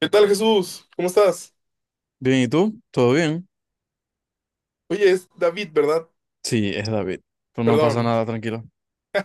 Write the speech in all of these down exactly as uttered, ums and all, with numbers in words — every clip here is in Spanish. ¿Qué tal, Jesús? ¿Cómo estás? Bien, ¿y tú? ¿Todo bien? Oye, es David, ¿verdad? Sí, es David. Pues no Perdón. pasa nada, tranquilo.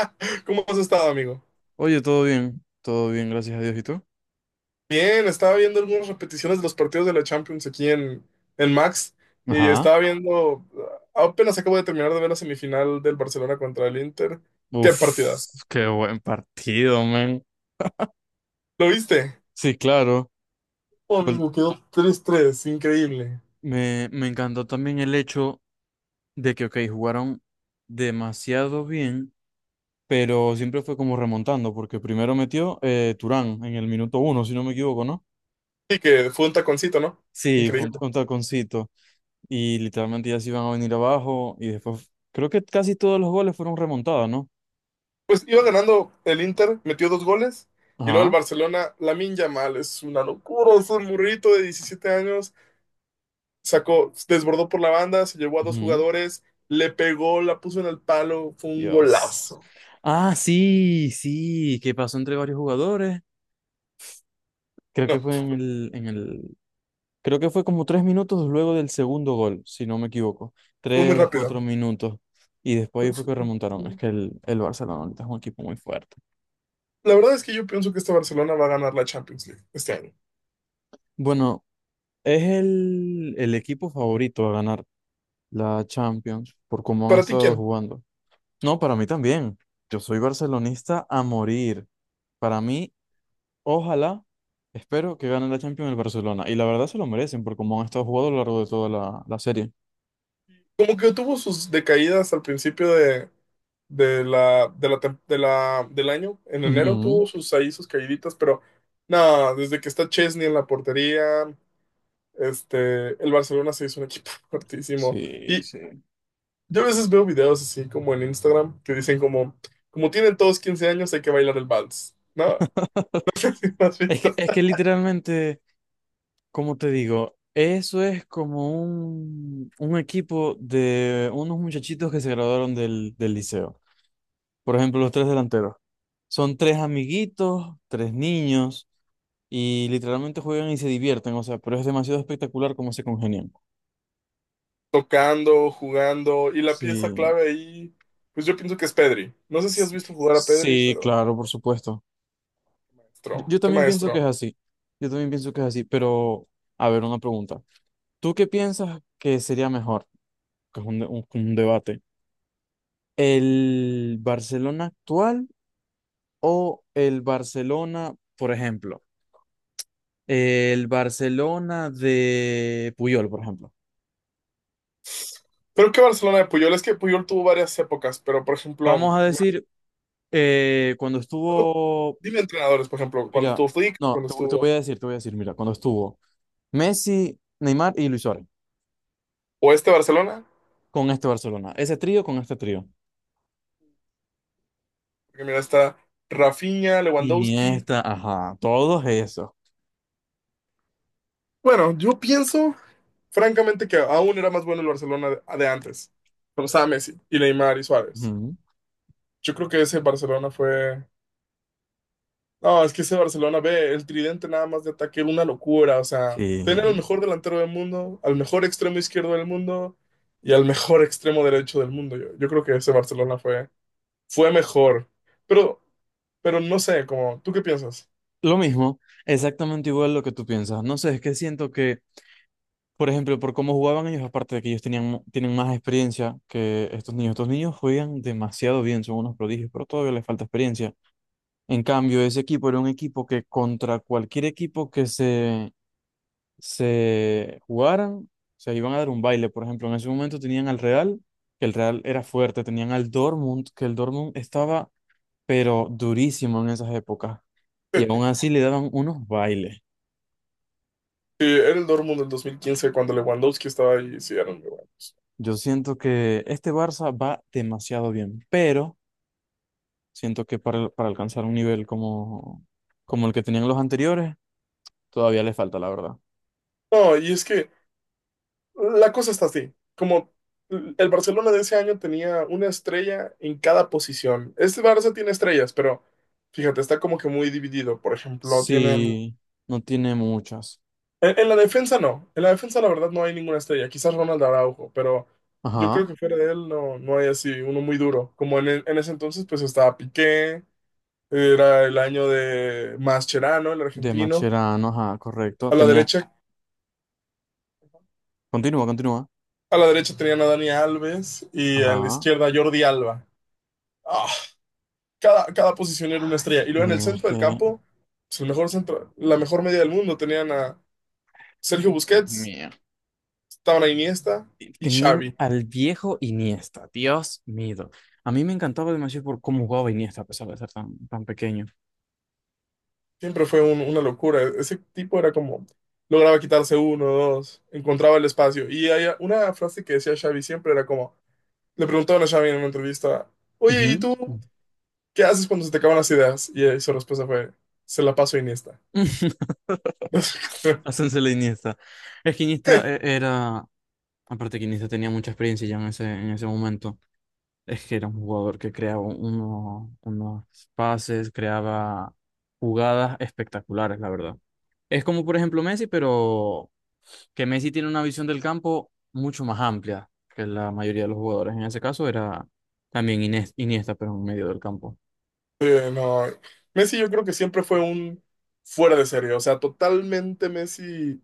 ¿Cómo has estado, amigo? Oye, todo bien, todo bien, gracias a Dios. ¿Y tú? Bien, estaba viendo algunas repeticiones de los partidos de la Champions aquí en, en Max y Ajá. estaba viendo, apenas acabo de terminar de ver la semifinal del Barcelona contra el Inter. ¡Qué partidas! Uf, qué buen partido, man. ¿Lo viste? Sí, claro. Oh, Gol- amigo, quedó tres tres, increíble. Me, me encantó también el hecho de que, ok, jugaron demasiado bien, pero siempre fue como remontando, porque primero metió eh, Turán en el minuto uno, si no me equivoco, ¿no? Sí, que fue un taconcito, ¿no? Sí, fue un, Increíble. un taconcito. Y literalmente ya se iban a venir abajo, y después creo que casi todos los goles fueron remontados, ¿no? Pues iba ganando el Inter, metió dos goles. Y luego el Ajá. Barcelona, Lamine Yamal, es una locura, es un burrito de diecisiete años, sacó, desbordó por la banda, se llevó a dos Ujú. jugadores, le pegó, la puso en el palo, fue un Dios. golazo. Ah, sí, sí, que pasó entre varios jugadores. Creo que No, fue en el, en el, Creo que fue como tres minutos luego del segundo gol, si no me equivoco. fue muy Tres, cuatro rápido. minutos. Y después ahí fue que remontaron. Es que el, el Barcelona ahorita es un equipo muy fuerte. La verdad es que yo pienso que este Barcelona va a ganar la Champions League este año. Bueno, es el, el equipo favorito a ganar la Champions por cómo han ¿Para ti estado quién? jugando. No, para mí también. Yo soy barcelonista a morir. Para mí, Ojalá, espero que gane la Champions el Barcelona. Y la verdad se lo merecen por cómo han estado jugando a lo largo de toda la, la serie. Como que tuvo sus decaídas al principio de, de la, de la, tem- de la- del año. En enero Ujú. tuvo sus ahí sus caíditas, pero nada, desde que está Chesney en la portería, este, el Barcelona se hizo un equipo fuertísimo. Sí, Y, sí. Yo a veces veo videos así como en Instagram que dicen como, como tienen todos quince años, hay que bailar el vals, ¿no? ¿Sí me ¿Has Es visto? que, es que literalmente, como te digo, eso es como un, un equipo de unos muchachitos que se graduaron del, del liceo. Por ejemplo, los tres delanteros. Son tres amiguitos, tres niños, y literalmente juegan y se divierten. O sea, pero es demasiado espectacular cómo se congenian. Tocando, jugando y la Sí. pieza clave ahí, pues yo pienso que es Pedri. No sé si has visto jugar a Pedri, Sí, pero claro, por supuesto. Yo maestro, yo qué también pienso maestro. que es así. Yo también pienso que es así, pero a ver, una pregunta. ¿Tú qué piensas que sería mejor? Que es un, de- un- un debate. ¿El Barcelona actual o el Barcelona, por ejemplo? El Barcelona de Puyol, por ejemplo. Pero que Barcelona de Puyol, es que Puyol tuvo varias épocas, pero por ejemplo, Vamos a me decir, eh, cuando acuerdo. estuvo, Dime entrenadores, por ejemplo, cuando Mira, estuvo Flick, no, cuando te, te voy estuvo, a decir, te voy a decir, mira, cuando estuvo Messi, Neymar y Luis Suárez. o este Barcelona, Con este Barcelona, ese trío con este trío. porque mira, está Rafinha, Lewandowski. Iniesta, ajá, todos esos. Bueno, yo pienso, francamente, que aún era más bueno el Barcelona de, de antes, cuando estaba Messi y Neymar y Suárez. Ujú. Yo creo que ese Barcelona fue. No, es que ese Barcelona, ve, el tridente nada más de ataque, era una locura, o sea, Sí. tener al mejor delantero del mundo, al mejor extremo izquierdo del mundo y al mejor extremo derecho del mundo. Yo, yo creo que ese Barcelona fue fue mejor. Pero, pero no sé, como, ¿tú qué piensas? Lo mismo, exactamente igual lo que tú piensas. No sé, es que siento que, por ejemplo, por cómo jugaban ellos, aparte de que ellos tenían, mu- tienen más experiencia que estos niños. Estos niños juegan demasiado bien, son unos prodigios, pero todavía les falta experiencia. En cambio, ese equipo era un equipo que contra cualquier equipo que se se jugaran, se iban a dar un baile. Por ejemplo, en ese momento tenían al Real, que el Real era fuerte, tenían al Dortmund, que el Dortmund estaba, pero durísimo en esas épocas. Y aún así le daban unos bailes. Sí, era el Dortmund del dos mil quince cuando Lewandowski estaba ahí, sí, eran muy buenos. Yo siento que este Barça va demasiado bien, pero siento que para, para alcanzar un nivel como, como el que tenían los anteriores, todavía le falta, la verdad. No, y es que la cosa está así, como el Barcelona de ese año tenía una estrella en cada posición. Este Barça tiene estrellas, pero fíjate, está como que muy dividido. Por ejemplo, tienen. Sí, no tiene muchas. En, en la defensa no, en la defensa la verdad no hay ninguna estrella, quizás Ronald Araujo, pero yo creo Ajá, que fuera de él no, no hay así uno muy duro. Como en, en ese entonces pues estaba Piqué. Era el año de Mascherano, el de argentino. Macherano, ajá, correcto. A la Tenía, derecha, continúa, continúa. a la derecha tenían a Dani Alves y a la Ah, izquierda a Jordi Alba. Ah, cada, cada posición era una estrella. Y luego en el mira, es centro del que campo, su mejor centro, la mejor media del mundo, tenían a Sergio Dios Busquets, mío. estaban a Iniesta y Tenían Xavi. al viejo Iniesta. Dios mío. A mí me encantaba demasiado por cómo jugaba Iniesta, a pesar de ser tan, tan pequeño. Siempre fue un- una locura. Ese tipo era como, lograba quitarse uno, dos, encontraba el espacio. Y hay una frase que decía Xavi siempre era como, le preguntaban a Xavi en una entrevista, oye, ¿y Ujú. tú ¿qué haces cuando se te acaban las ideas? Y eh, su respuesta fue, se la paso a Iniesta. Hácense la Iniesta. Es que Iniesta eh, era... Aparte que Iniesta tenía mucha experiencia ya en ese, en ese momento. Es que era un jugador que creaba uno- unos pases, creaba jugadas espectaculares, la verdad. Es como, por ejemplo, Messi, pero que Messi tiene una visión del campo mucho más amplia que la mayoría de los jugadores. En ese caso era también Inés- Iniesta, pero en medio del campo. Sí, no, Messi yo creo que siempre fue un fuera de serie, o sea, totalmente Messi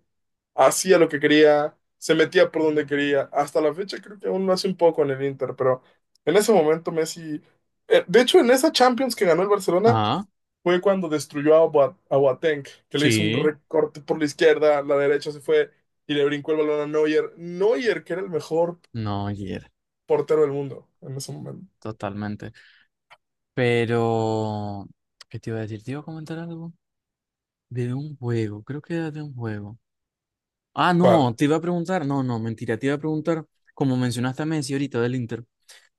hacía lo que quería, se metía por donde quería, hasta la fecha creo que aún lo hace un poco en el Inter, pero en ese momento Messi, eh, de hecho en esa Champions que ganó el Barcelona Ajá, fue cuando destruyó a, Boa- a Boateng, que le hizo un sí, recorte por la izquierda, la derecha se fue y le brincó el balón a Neuer. Neuer, que era el mejor no, ayer, portero del mundo en ese momento. totalmente. Pero, ¿qué te iba a decir? ¿Te iba a comentar algo? De un juego, creo que era de un juego. Ah, no, ¿Cuál? te iba a preguntar, no, no, mentira, te iba a preguntar, como mencionaste a Messi ahorita del Inter,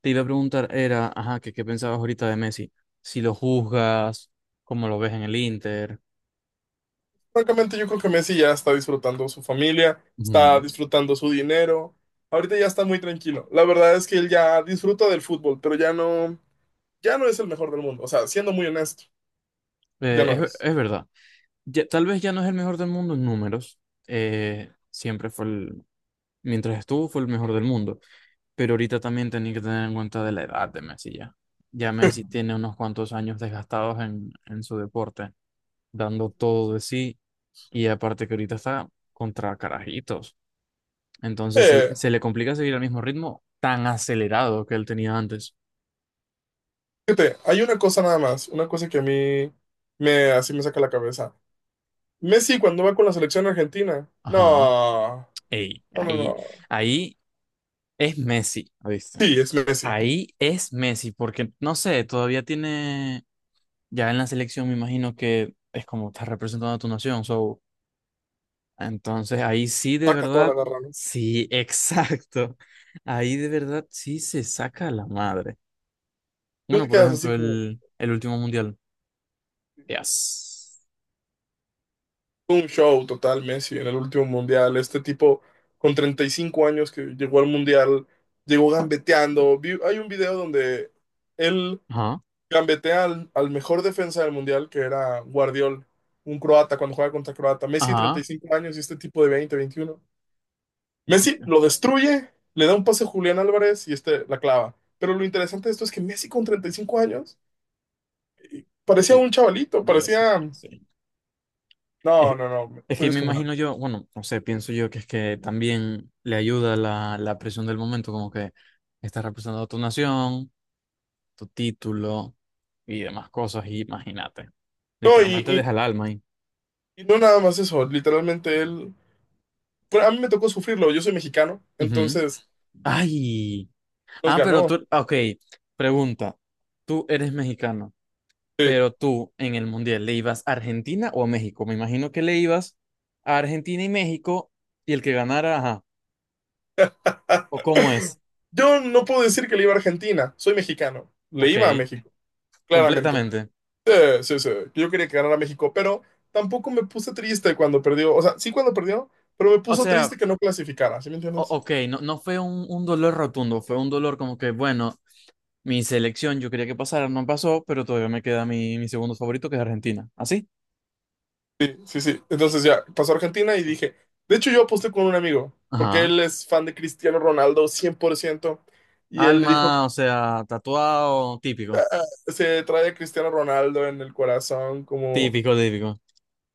te iba a preguntar, era, ajá, que qué pensabas ahorita de Messi, si lo juzgas, cómo lo ves en el Inter. Francamente, yo creo que Messi ya está disfrutando su familia, está Ujú. disfrutando su dinero. Ahorita ya está muy tranquilo. La verdad es que él ya disfruta del fútbol, pero ya no, ya no es el mejor del mundo. O sea, siendo muy honesto, ya Eh, no es, es. es verdad, ya- tal vez ya no es el mejor del mundo en números, eh, siempre fue el, mientras estuvo fue el mejor del mundo, pero ahorita también tenía que tener en cuenta de la edad de Messi ya. Ya Messi tiene unos cuantos años desgastados en, en su deporte, dando todo de sí. Y aparte que ahorita está contra carajitos. Entonces se, Eh, se le complica seguir al mismo ritmo tan acelerado que él tenía antes. fíjate, hay una cosa nada más, una cosa que a mí me, así me saca la cabeza. Messi cuando va con la selección argentina, Ajá. no, Ey, no, no, ahí, no. ahí es Messi, ¿viste? Sí, es Messi. Ahí es Messi, porque no sé, todavía tiene, ya en la selección me imagino que es como está representando a tu nación, so, entonces ahí sí de Saca toda la verdad, garra, ¿no? sí, exacto, ahí de verdad sí se saca la madre. Tú Bueno, te por quedas así ejemplo, como. el, el último mundial. Yes. Un show total, Messi, en el último mundial. Este tipo con treinta y cinco años que llegó al mundial, llegó gambeteando. Vi- hay un video donde él Ajá, gambetea al, al mejor defensa del mundial, que era Guardiol, un croata, cuando juega contra Croata. Messi, ajá. treinta y cinco años y este tipo de veinte, veintiuno. Messi lo destruye, le da un pase a Julián Álvarez y este la clava. Pero lo interesante de esto es que Messi con treinta y cinco años parecía Eh, un chavalito, Dios mío, parecía. sí. No, Es, no, no, es fue que me descomunal. imagino yo, bueno, no sé, pienso yo que es que también le ayuda la, la presión del momento, como que estás representando a tu nación, tu título y demás cosas, y imagínate. No, Literalmente y, deja el alma ahí. Y no nada más eso, literalmente él. Bueno, a mí me tocó sufrirlo, yo soy mexicano, Ujú. entonces Ay. nos Ah, pero ganó. tú, ok, pregunta. Tú eres mexicano. Sí. Pero tú en el Mundial, ¿le ibas a Argentina o a México? Me imagino que le ibas a Argentina y México y el que ganara, ajá. ¿O Ah, cómo es? yo no puedo decir que le iba a Argentina, soy mexicano, le Ok, iba a México, claramente. completamente. Sí, sí, sí, yo quería que ganara México, pero tampoco me puse triste cuando perdió, o sea, sí cuando perdió, pero me O puso sea, triste que no clasificara, ¿sí me o- entiendes? ok, no, no fue un, un dolor rotundo, fue un dolor como que, bueno, mi selección yo quería que pasara, no pasó, pero todavía me queda mi, mi segundo favorito que es Argentina. ¿Así? Sí, sí, sí. Entonces ya pasó a Argentina y dije, de hecho yo aposté con un amigo, porque Ajá. él es fan de Cristiano Ronaldo cien por ciento y él le dijo, Alma, o sea, tatuado, típico. se trae a Cristiano Ronaldo en el corazón, como. Típico, típico.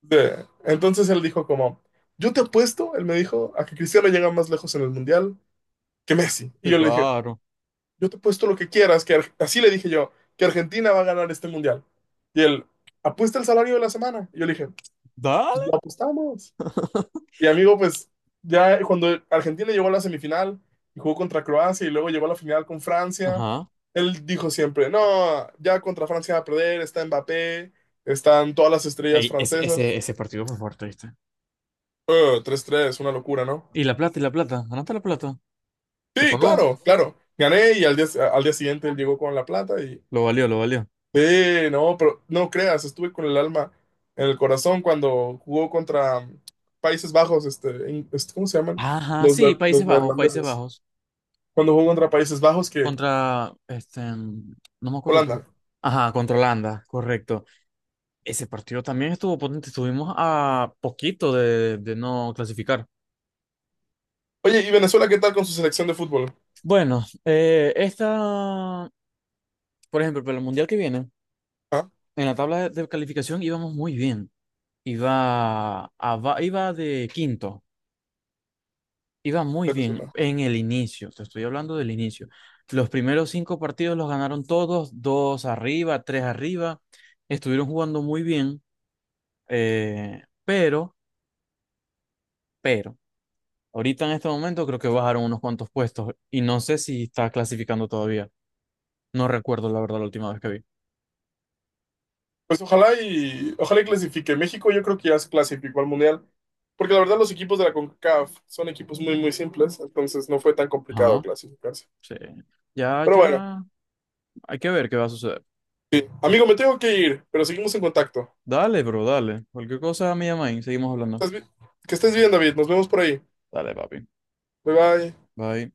De... Entonces él dijo como, yo te apuesto, él me dijo, a que Cristiano llega más lejos en el Mundial que Messi. Y Sí, yo le dije, claro. yo te apuesto lo que quieras, que Ar... así le dije yo, que Argentina va a ganar este Mundial. Y él, apuesta el salario de la semana. Y yo le dije, pues Dale. lo apostamos. Y amigo, pues ya cuando Argentina llegó a la semifinal y jugó contra Croacia y luego llegó a la final con Francia, Ajá. él dijo siempre, no, ya contra Francia va a perder, está Mbappé, están todas las estrellas Ey, es- ese, francesas. ese partido fue fuerte, ¿viste? Eh, tres tres una locura, ¿no? Y la plata, y la plata. ¿Ganaste la plata? ¿Te Sí, pagó? claro, claro. Gané y al día, al día siguiente él llegó con la plata y. Lo valió, lo valió. Sí, no, pero no creas, estuve con el alma en el corazón cuando jugó contra Países Bajos, este, en- este, ¿cómo se llaman? Ajá, Los, sí, ne- Países Los Bajos, Países neerlandeses. Bajos. Cuando jugó contra Países Bajos, que Contra, este, no me acuerdo, pero... Holanda. Ajá, contra Holanda, correcto. Ese partido también estuvo potente. Estuvimos a poquito de, de no clasificar. Oye, ¿y Venezuela qué tal con su selección de fútbol? Bueno, eh, esta, por ejemplo, para el Mundial que viene, Ah, en la tabla de, de calificación íbamos muy bien. Iba, a, va- iba de quinto. Iba muy bien Venezuela. en el inicio, te estoy hablando del inicio. Los primeros cinco partidos los ganaron todos, dos arriba, tres arriba. Estuvieron jugando muy bien, eh, pero, pero, ahorita en este momento creo que bajaron unos cuantos puestos y no sé si está clasificando todavía. No recuerdo la verdad la última vez que vi. Pues ojalá y ojalá y clasifique. México yo creo que ya se clasificó al Mundial, porque la verdad los equipos de la CONCACAF son equipos muy muy simples, entonces no fue tan complicado Ajá, clasificarse. sí. Ya, Pero bueno, ya. Hay que ver qué va a suceder. amigo, me tengo que ir, pero seguimos en contacto. Dale, bro, dale. Cualquier cosa me llama y seguimos hablando. Estás bi- Que estés bien, David. Nos vemos por ahí. Dale, papi. Bye bye. Bye.